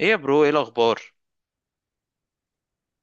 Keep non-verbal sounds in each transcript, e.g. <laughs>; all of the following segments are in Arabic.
ايه يا برو، ايه الاخبار؟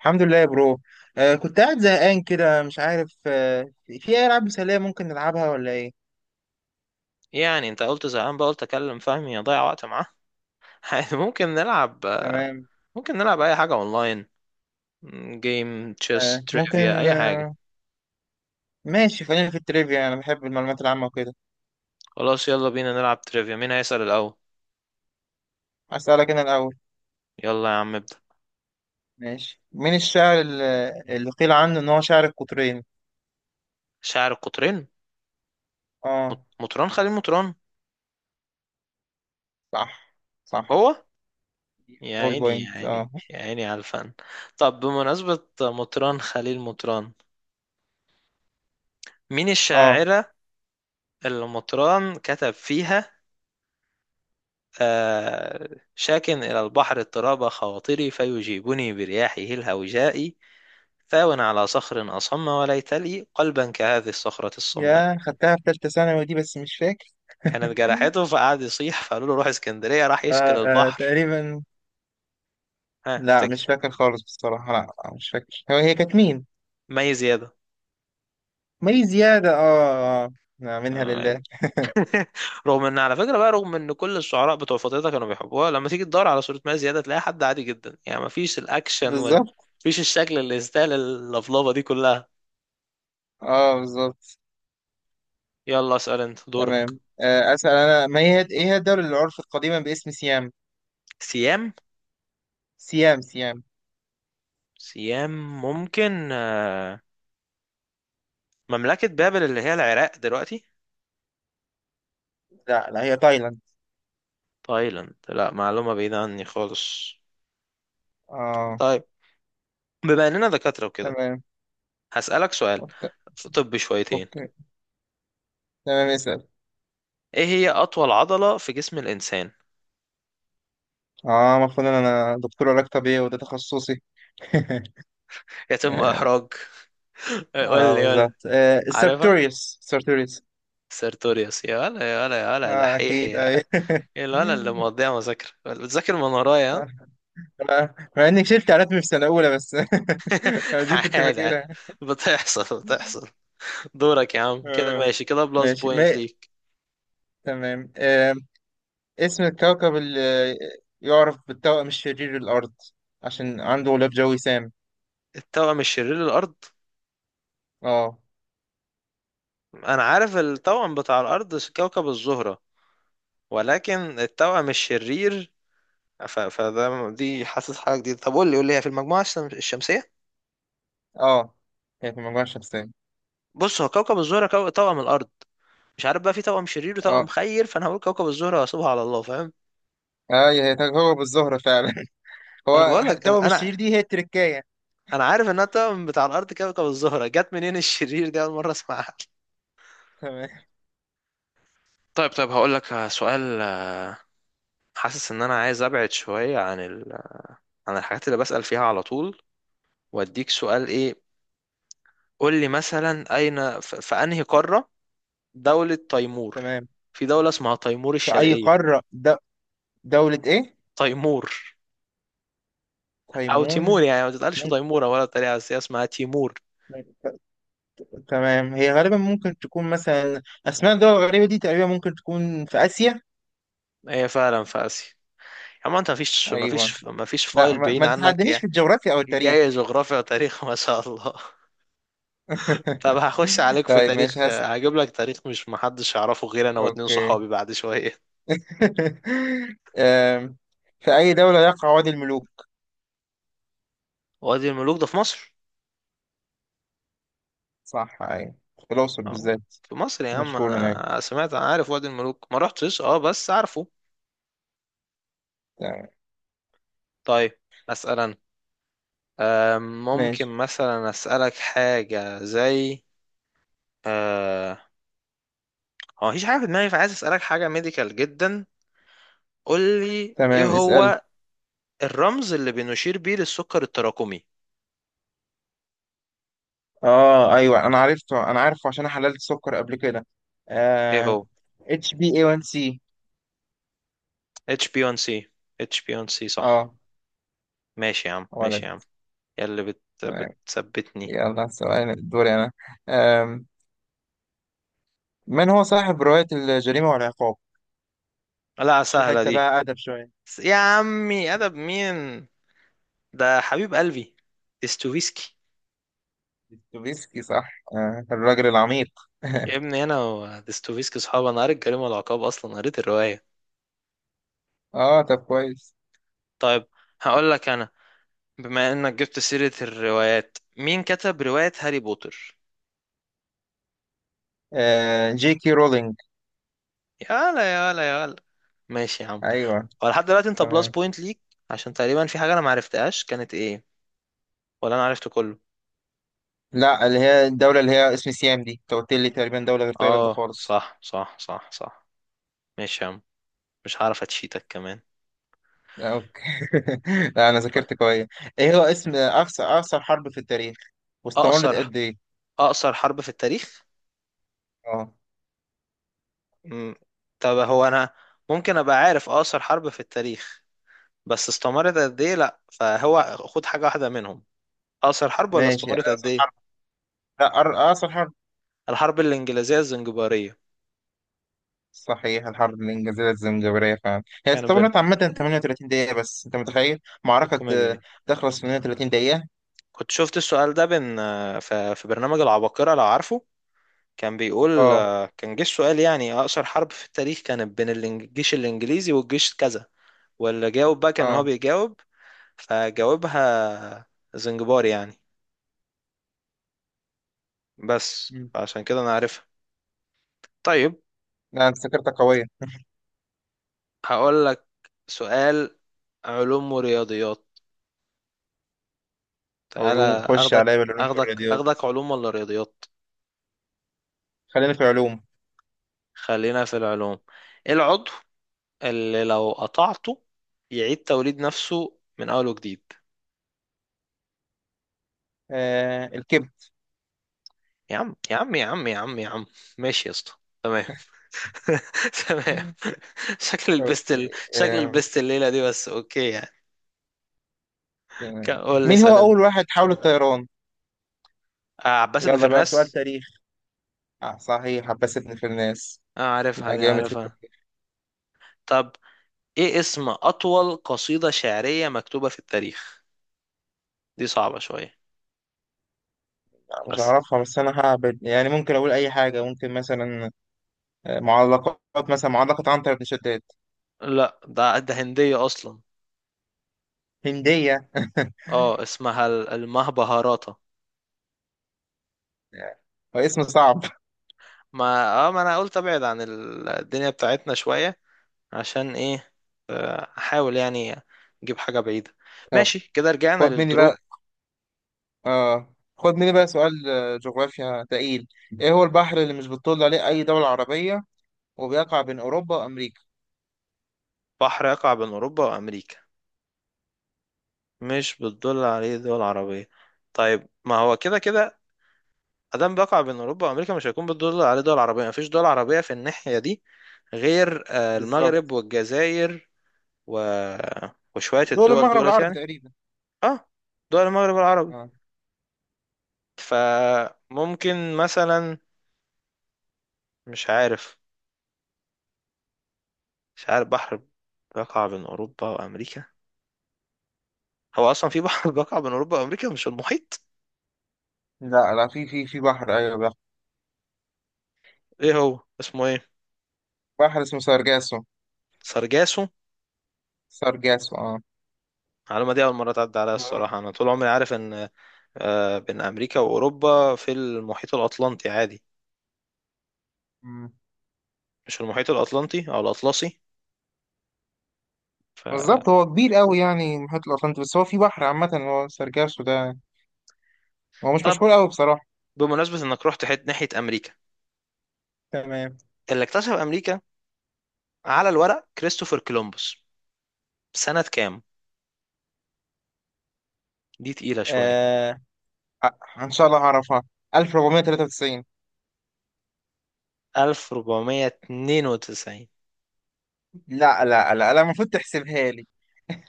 الحمد لله يا برو. كنت قاعد زهقان كده، مش عارف. في اي العاب مسليه ممكن نلعبها ولا ايه؟ ايه يعني انت قلت زهقان بقى قلت اكلم فهمي اضيع وقت معاه. <laughs> عادي، ممكن نلعب. تمام. ممكن نلعب اي حاجه اونلاين، جيم آه، تشيس تريفيا ممكن. اي حاجه. آه. ماشي، خلينا في التريفيا، انا بحب المعلومات العامه وكده. خلاص يلا بينا نلعب تريفيا، مين هيسأل الاول؟ اسالك انا الاول. يلا يا عم ابدأ. ماشي، مين الشاعر اللي قيل عنه ان هو شاعر القطرين؟ شاعر القطرين اه. مطران خليل مطران. صح، صح. هو يا اول عيني يا بوينت، عيني اه. يا عيني على الفن. طب بمناسبة مطران خليل مطران، مين اه، الشاعرة اللي مطران كتب فيها؟ آه، شاك إلى البحر اضطراب خواطري فيجيبني برياحه الهوجاء، ثاوٍ على صخر أصم وليت لي قلبا كهذه الصخرة الصماء. يا خدتها في ثالثه ثانوي دي بس مش فاكر. كانت جرحته فقعد يصيح فقالوا له روح اسكندرية راح <laughs> يشكل آه آه، البحر. تقريبا. ها لا مش افتكر. فاكر خالص بصراحه، لا مش فاكر. هي كانت مين؟ مي زيادة. مي زيادة. اه اه آه. نعم، منها آه، مي- لله. <laughs> <laughs> رغم ان على فكره بقى، رغم ان كل الشعراء بتوع فترتها كانوا بيحبوها، لما تيجي تدور على صوره مي زياده تلاقي حد عادي جدا يعني، مفيش الاكشن وال، بالظبط. مفيش الشكل اللي يستاهل اللفلفه دي كلها. اه بالظبط. يلا اسال انت دورك. تمام. أسأل أنا. ما هي إيه هي الدولة اللي عرفت قديما باسم سيام؟ سيام. سيام، سيام. سيام ممكن مملكة بابل اللي هي العراق دلوقتي. لا لا، هي تايلاند. تايلاند؟ لا معلومة بعيدة عني خالص. اه. طيب، بما اننا دكاترة وكده تمام. هسألك سؤال أوكي. في طب شويتين. أوكي. تمام، اسأل. ايه هي اطول عضلة في جسم الانسان؟ اه، المفروض إن أنا دكتور علاج طبيعي وده تخصصي. <laughs> يتم اه. احراج. <laughs> قول لي قول لي. بالظبط. آه، عارفها. السارتوريوس، سارتوريوس. سيرتوريوس يا ولا يا ولا يا ولا، اه، دحيح أكيد، يا أي. <laughs> يا ولا اللي مقضيها مذاكرة بتذاكر من ورايا، ها؟ آه، مع إني شلت على اسمي في سنة أولى بس. <laughs> <laughs> دي كنت عادي عادي. فاكرها. بتحصل بتحصل. دورك يا عم، كده آه. ماشي كده، بلس ماشي. ما بوينت ليك. تمام. اسم الكوكب اللي يعرف بالتوأم الشرير الأرض، عشان عنده غلاف جوي سام. التوأم الشرير للأرض؟ اه. أنا عارف التوأم بتاع الأرض كوكب الزهرة، ولكن التوأم الشرير، ف... فده دي حاسس حاجة جديدة. طب قول لي قول لي، هي في المجموعة الشمسية؟ اه، هي في المجموعة الشمسية. بص، هو كوكب الزهرة توأم الأرض، مش عارف بقى في توأم شرير وتوأم اه. خير، فأنا هقول كوكب الزهرة وأسيبها على الله، فاهم. اه، هي كوكب الزهرة فعلا. <laughs> فأنا هو بقول لك توأم أنا، الشرير دي هي التركاية. أنا عارف إنها التوأم بتاع الأرض كوكب الزهرة، جت منين الشرير دي؟ أول مرة أسمعها. تمام. طيب طيب، هقول لك سؤال. حاسس ان انا عايز ابعد شوية عن عن الحاجات اللي بسأل فيها على طول، واديك سؤال ايه. قول لي مثلا، اين في انهي قارة دولة تيمور؟ تمام. في دولة اسمها تيمور في أي الشرقية. قارة دولة إيه؟ تيمور او تيمور تيمون. يعني، ما تتقالش تيمورة ولا طريقة، بس هي اسمها تيمور. ممكن. تمام، هي غالبا ممكن تكون مثلا أسماء الدول الغريبة دي تقريبا ممكن تكون في آسيا. هي فعلا في اسيا. اما انت أيوه. مفيش لا، فايل بعيد ما عنك تتحدانيش يعني. في الجغرافيا أو التاريخ. جاي جغرافيا وتاريخ <laughs> ما شاء الله. <laughs> طب هخش <laughs> عليك في طيب، تاريخ، ماشي، هس. هجيب لك تاريخ مش محدش يعرفه غير انا واتنين اوكي. صحابي بعد شوية. <laughs> أم، في اي دولة يقع وادي الملوك؟ وادي الملوك ده في مصر، صح، اي. في الاقصر اه بالذات. في مصر يا عم. مشهور هناك. انا سمعت، انا عارف وادي الملوك ما رحتش، اه بس عارفه. تمام. طيب اسال انا. ممكن ماشي. مثلا اسالك حاجه زي، آه، هو مفيش حاجه في دماغي فعايز اسالك حاجه ميديكال جدا. قول لي، ايه تمام، اسأل. هو الرمز اللي بنشير بيه للسكر التراكمي؟ اه، ايوه، انا عرفته، انا عارفه عشان أنا حللت سكر قبل كده. ايه آه. هو؟ اتش بي اي 1 سي. HbA1c. HbA1c صح. اه. ماشي يا عم ماشي يا ولد. عم، يا اللي تمام. بتثبتني. يلا، سؤال دوري انا. آم، من هو صاحب رواية الجريمة والعقاب؟ لا شو سهله حتة دي، بقى أدب شوية. يا عمي ادب مين، ده حبيب قلبي. استوفيسكي. دوستويفسكي، صح. آه الراجل العميق. يا <laughs> ابني انا وديستوفيسكي صحاب، انا قريت الجريمه والعقاب، اصلا قريت الروايه. اه، طب كويس. طيب هقول لك انا، بما انك جبت سيره الروايات، مين كتب روايه هاري بوتر؟ آه جي كي رولينج. يلا يلا يلا، ماشي يا عم. ايوه. هو لحد دلوقتي انت بلس تمام. بوينت ليك، عشان تقريبا في حاجه انا ما عرفتهاش، كانت ايه؟ ولا انا عرفت كله؟ لا، اللي هي الدولة اللي هي اسم سيام دي، انت قلت لي تقريبا دولة غير تايلاند اه خالص. صح صح صح صح. ماشي يا عم، مش هعرف اتشيتك كمان. لا، اوكي. <laughs> لا، انا طيب. ذاكرت كويس. ايه هو اسم اقصر حرب في التاريخ، واستمرت اقصر، قد ايه؟ اقصر حرب في التاريخ. اه. مم. طب هو انا ممكن ابقى عارف اقصر حرب في التاريخ، بس استمرت قد ايه؟ لا، فهو خد حاجه واحده منهم، اقصر الحرب ولا ماشي، استمرت قد اقصر ايه. حرب. لا، اقصر حرب. الحرب الانجليزيه الزنجباريه. صحيح، الحرب الانجليزيه الزمجباريه فعلا، هي كانوا بين، استمرت عامه 38 دقيقه، بس انت متخيل؟ معركه الكوميديا دي، آه، تخلص في 38 دقيقه. كنت شفت السؤال ده بين، في في برنامج العباقره لو عارفه. كان بيقول، اه كان جه السؤال يعني اقصر حرب في التاريخ كانت بين الجيش الانجليزي والجيش كذا، واللي جاوب بقى كان هو اه، بيجاوب، فجاوبها زنجبار يعني. بس مم. عشان كده انا عارفها. طيب، لا، انت ذاكرتك قويه. هقول لك سؤال علوم ورياضيات، تعالى. علوم، خش اخدك عليا بالعلوم اخدك والرياضيات. اخدك، علوم ولا رياضيات؟ خلينا في العلوم. خلينا في العلوم. ايه العضو اللي لو قطعته يعيد توليد نفسه من اول وجديد؟ آه الكبد. يا عم يا عم يا عم يا عم يا عم، ماشي يا اسطى. تمام. <laughs> تمام. شكل أوكي. شكل آه. البست الليله دي بس، اوكي يعني. آه. قول لي مين اسال هو انت. أول واحد حاول الطيران؟ آه عباس بن يلا بقى سؤال فرناس. تاريخ. آه صحيح، عباس ابن فرناس. آه عارفها لا، دي جامد في عارفها. التاريخ. طب ايه اسم اطول قصيده شعريه مكتوبه في التاريخ؟ دي صعبه شويه، آه، مش بس. هعرفها بس أنا هعبد يعني ممكن أقول أي حاجة ممكن مثلا. آه، معلقات مثلا معلقة عنتر بن شداد. لا، ده ده هندية أصلا. هندية؟ اه اسمها المهبهاراتا. آه، اسم صعب. ما اه ما أنا قلت أبعد عن الدنيا بتاعتنا شوية، عشان إيه، أحاول يعني أجيب حاجة بعيدة. طب. ماشي كده، رجعنا خد مني للدرو. بقى. آه، خد مني بقى سؤال جغرافيا تقيل. إيه هو البحر اللي مش بتطل عليه أي دولة عربية، وبيقع بين أوروبا وأمريكا؟ بحر يقع بين أوروبا وأمريكا، مش بتدل عليه دول عربية. طيب ما هو كده كده، أدام بيقع بين أوروبا وأمريكا مش هيكون بتدل عليه دول عربية، مفيش دول عربية في الناحية دي غير المغرب بالظبط. والجزائر و... وشوية دول الدول المغرب دولت العربي يعني. تقريبا. اه دول المغرب العربي. اه. فممكن مثلا، مش عارف، مش عارف بحر بيقع بين اوروبا وامريكا، هو اصلا في بحر <laughs> بيقع بين اوروبا وامريكا مش المحيط؟ لا لا، في بحر، أيوه بحر. ايه هو اسمه ايه؟ بحر اسمه سارجاسو. سرجاسو؟ سارجاسو، اه. المعلومه دي اول مره تعدي عليا الصراحه، انا طول عمري عارف ان بين امريكا واوروبا في المحيط الاطلنطي عادي، مم. مش المحيط الاطلنطي او الاطلسي. ف، بالظبط، هو كبير قوي يعني المحيط الأطلنطي، بس هو في بحر عامة هو سارجاسو ده. هو مش طب مشهور قوي بصراحة. بمناسبه انك رحت حت ناحيه امريكا، تمام. اللي اكتشف امريكا على الورق كريستوفر كولومبوس، سنه كام؟ دي تقيله شويه. آه. آه، إن شاء الله هعرفها. 1493. 1492. لا لا لا لا، المفروض تحسبها لي.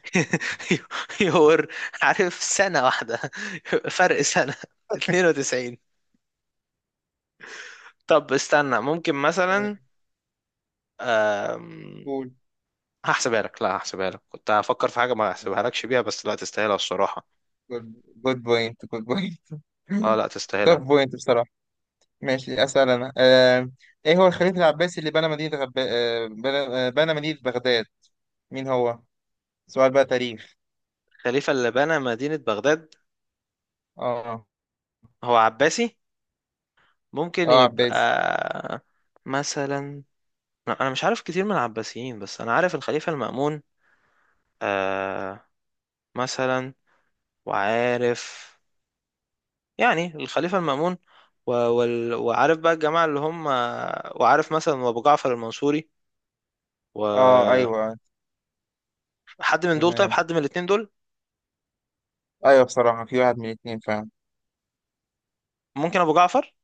<laughs> يور عارف سنة واحدة <laughs> فرق سنة. 92. طب استنى ممكن تمام. مثلا، أم... قول. هحسبها لك. لا هحسبها لك، كنت هفكر في حاجة ما هحسبها لكش بيها، بس لا تستاهلها الصراحة. جود بوينت، جود بوينت. اه <laughs> لا توب تستاهلها. بوينت بصراحة. ماشي، أسأل أنا. آه، إيه هو الخليفة العباسي اللي بنى مدينة غب... آه، بنى آه، بنى مدينة بغداد. مين هو؟ سؤال بقى تاريخ. الخليفة اللي بنى مدينة بغداد، اه. هو عباسي، ممكن اه يبقى عباسي. مثلا، لا، انا مش عارف كتير من العباسيين بس انا عارف الخليفة المأمون، آه، مثلا، وعارف يعني الخليفة المأمون و... وال... وعارف بقى الجماعة اللي هم، وعارف مثلا أبو جعفر المنصوري اه. وحد أيوه. من دول، طيب تمام. حد من الاتنين دول. أيوه بصراحة، في واحد من الاتنين فعلا. ممكن أبو جعفر؟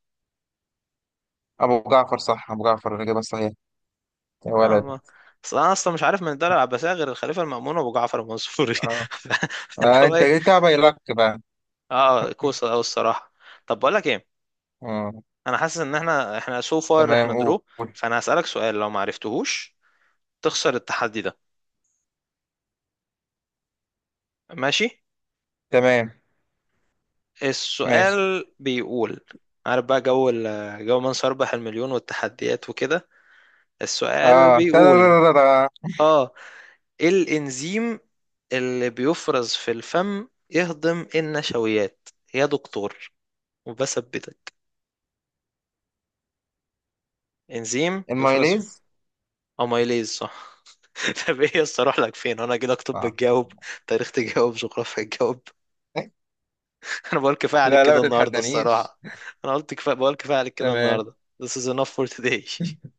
أبو جعفر، صح. أبو جعفر الإجابة الصحيحة. يا لا ولد. ما- أصل أنا أصلا مش عارف من الدولة العباسية غير الخليفة المأمون وأبو جعفر المنصوري، اه, <laughs> اللي آه. هو أنت إيه. جيتها بايلك بقى. أه كوسة أوي الصراحة. طب بقول لك إيه، اه. أنا حاسس إن إحنا سو فار إحنا تمام. درو، قول. فأنا هسألك سؤال لو ما عرفتهوش تخسر التحدي ده، ماشي. تمام. ماشي. السؤال بيقول، عارف بقى جو جو من سيربح المليون والتحديات وكده. السؤال اه، بيقول، تدررررر. اه، ايه الانزيم اللي بيفرز في الفم يهضم النشويات يا دكتور؟ وبثبتك، انزيم يفرز في. المايليز. اميليز صح. <laughs> طب ايه يس، اروح لك فين انا كده؟ اكتب صح. بتجاوب، تاريخ تجاوب، جغرافيا تجاوب. <laughs> <laughs> انا بقول كفايه عليك لا لا، ما كده النهارده تتحدانيش. الصراحه. انا قلت كفايه، بقول كفايه عليك كده تمام. النهارده. This is enough for today. <laughs>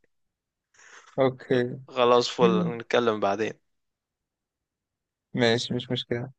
اوكي. خلاص، فل نتكلم بعدين. ماشي، مش مشكلة.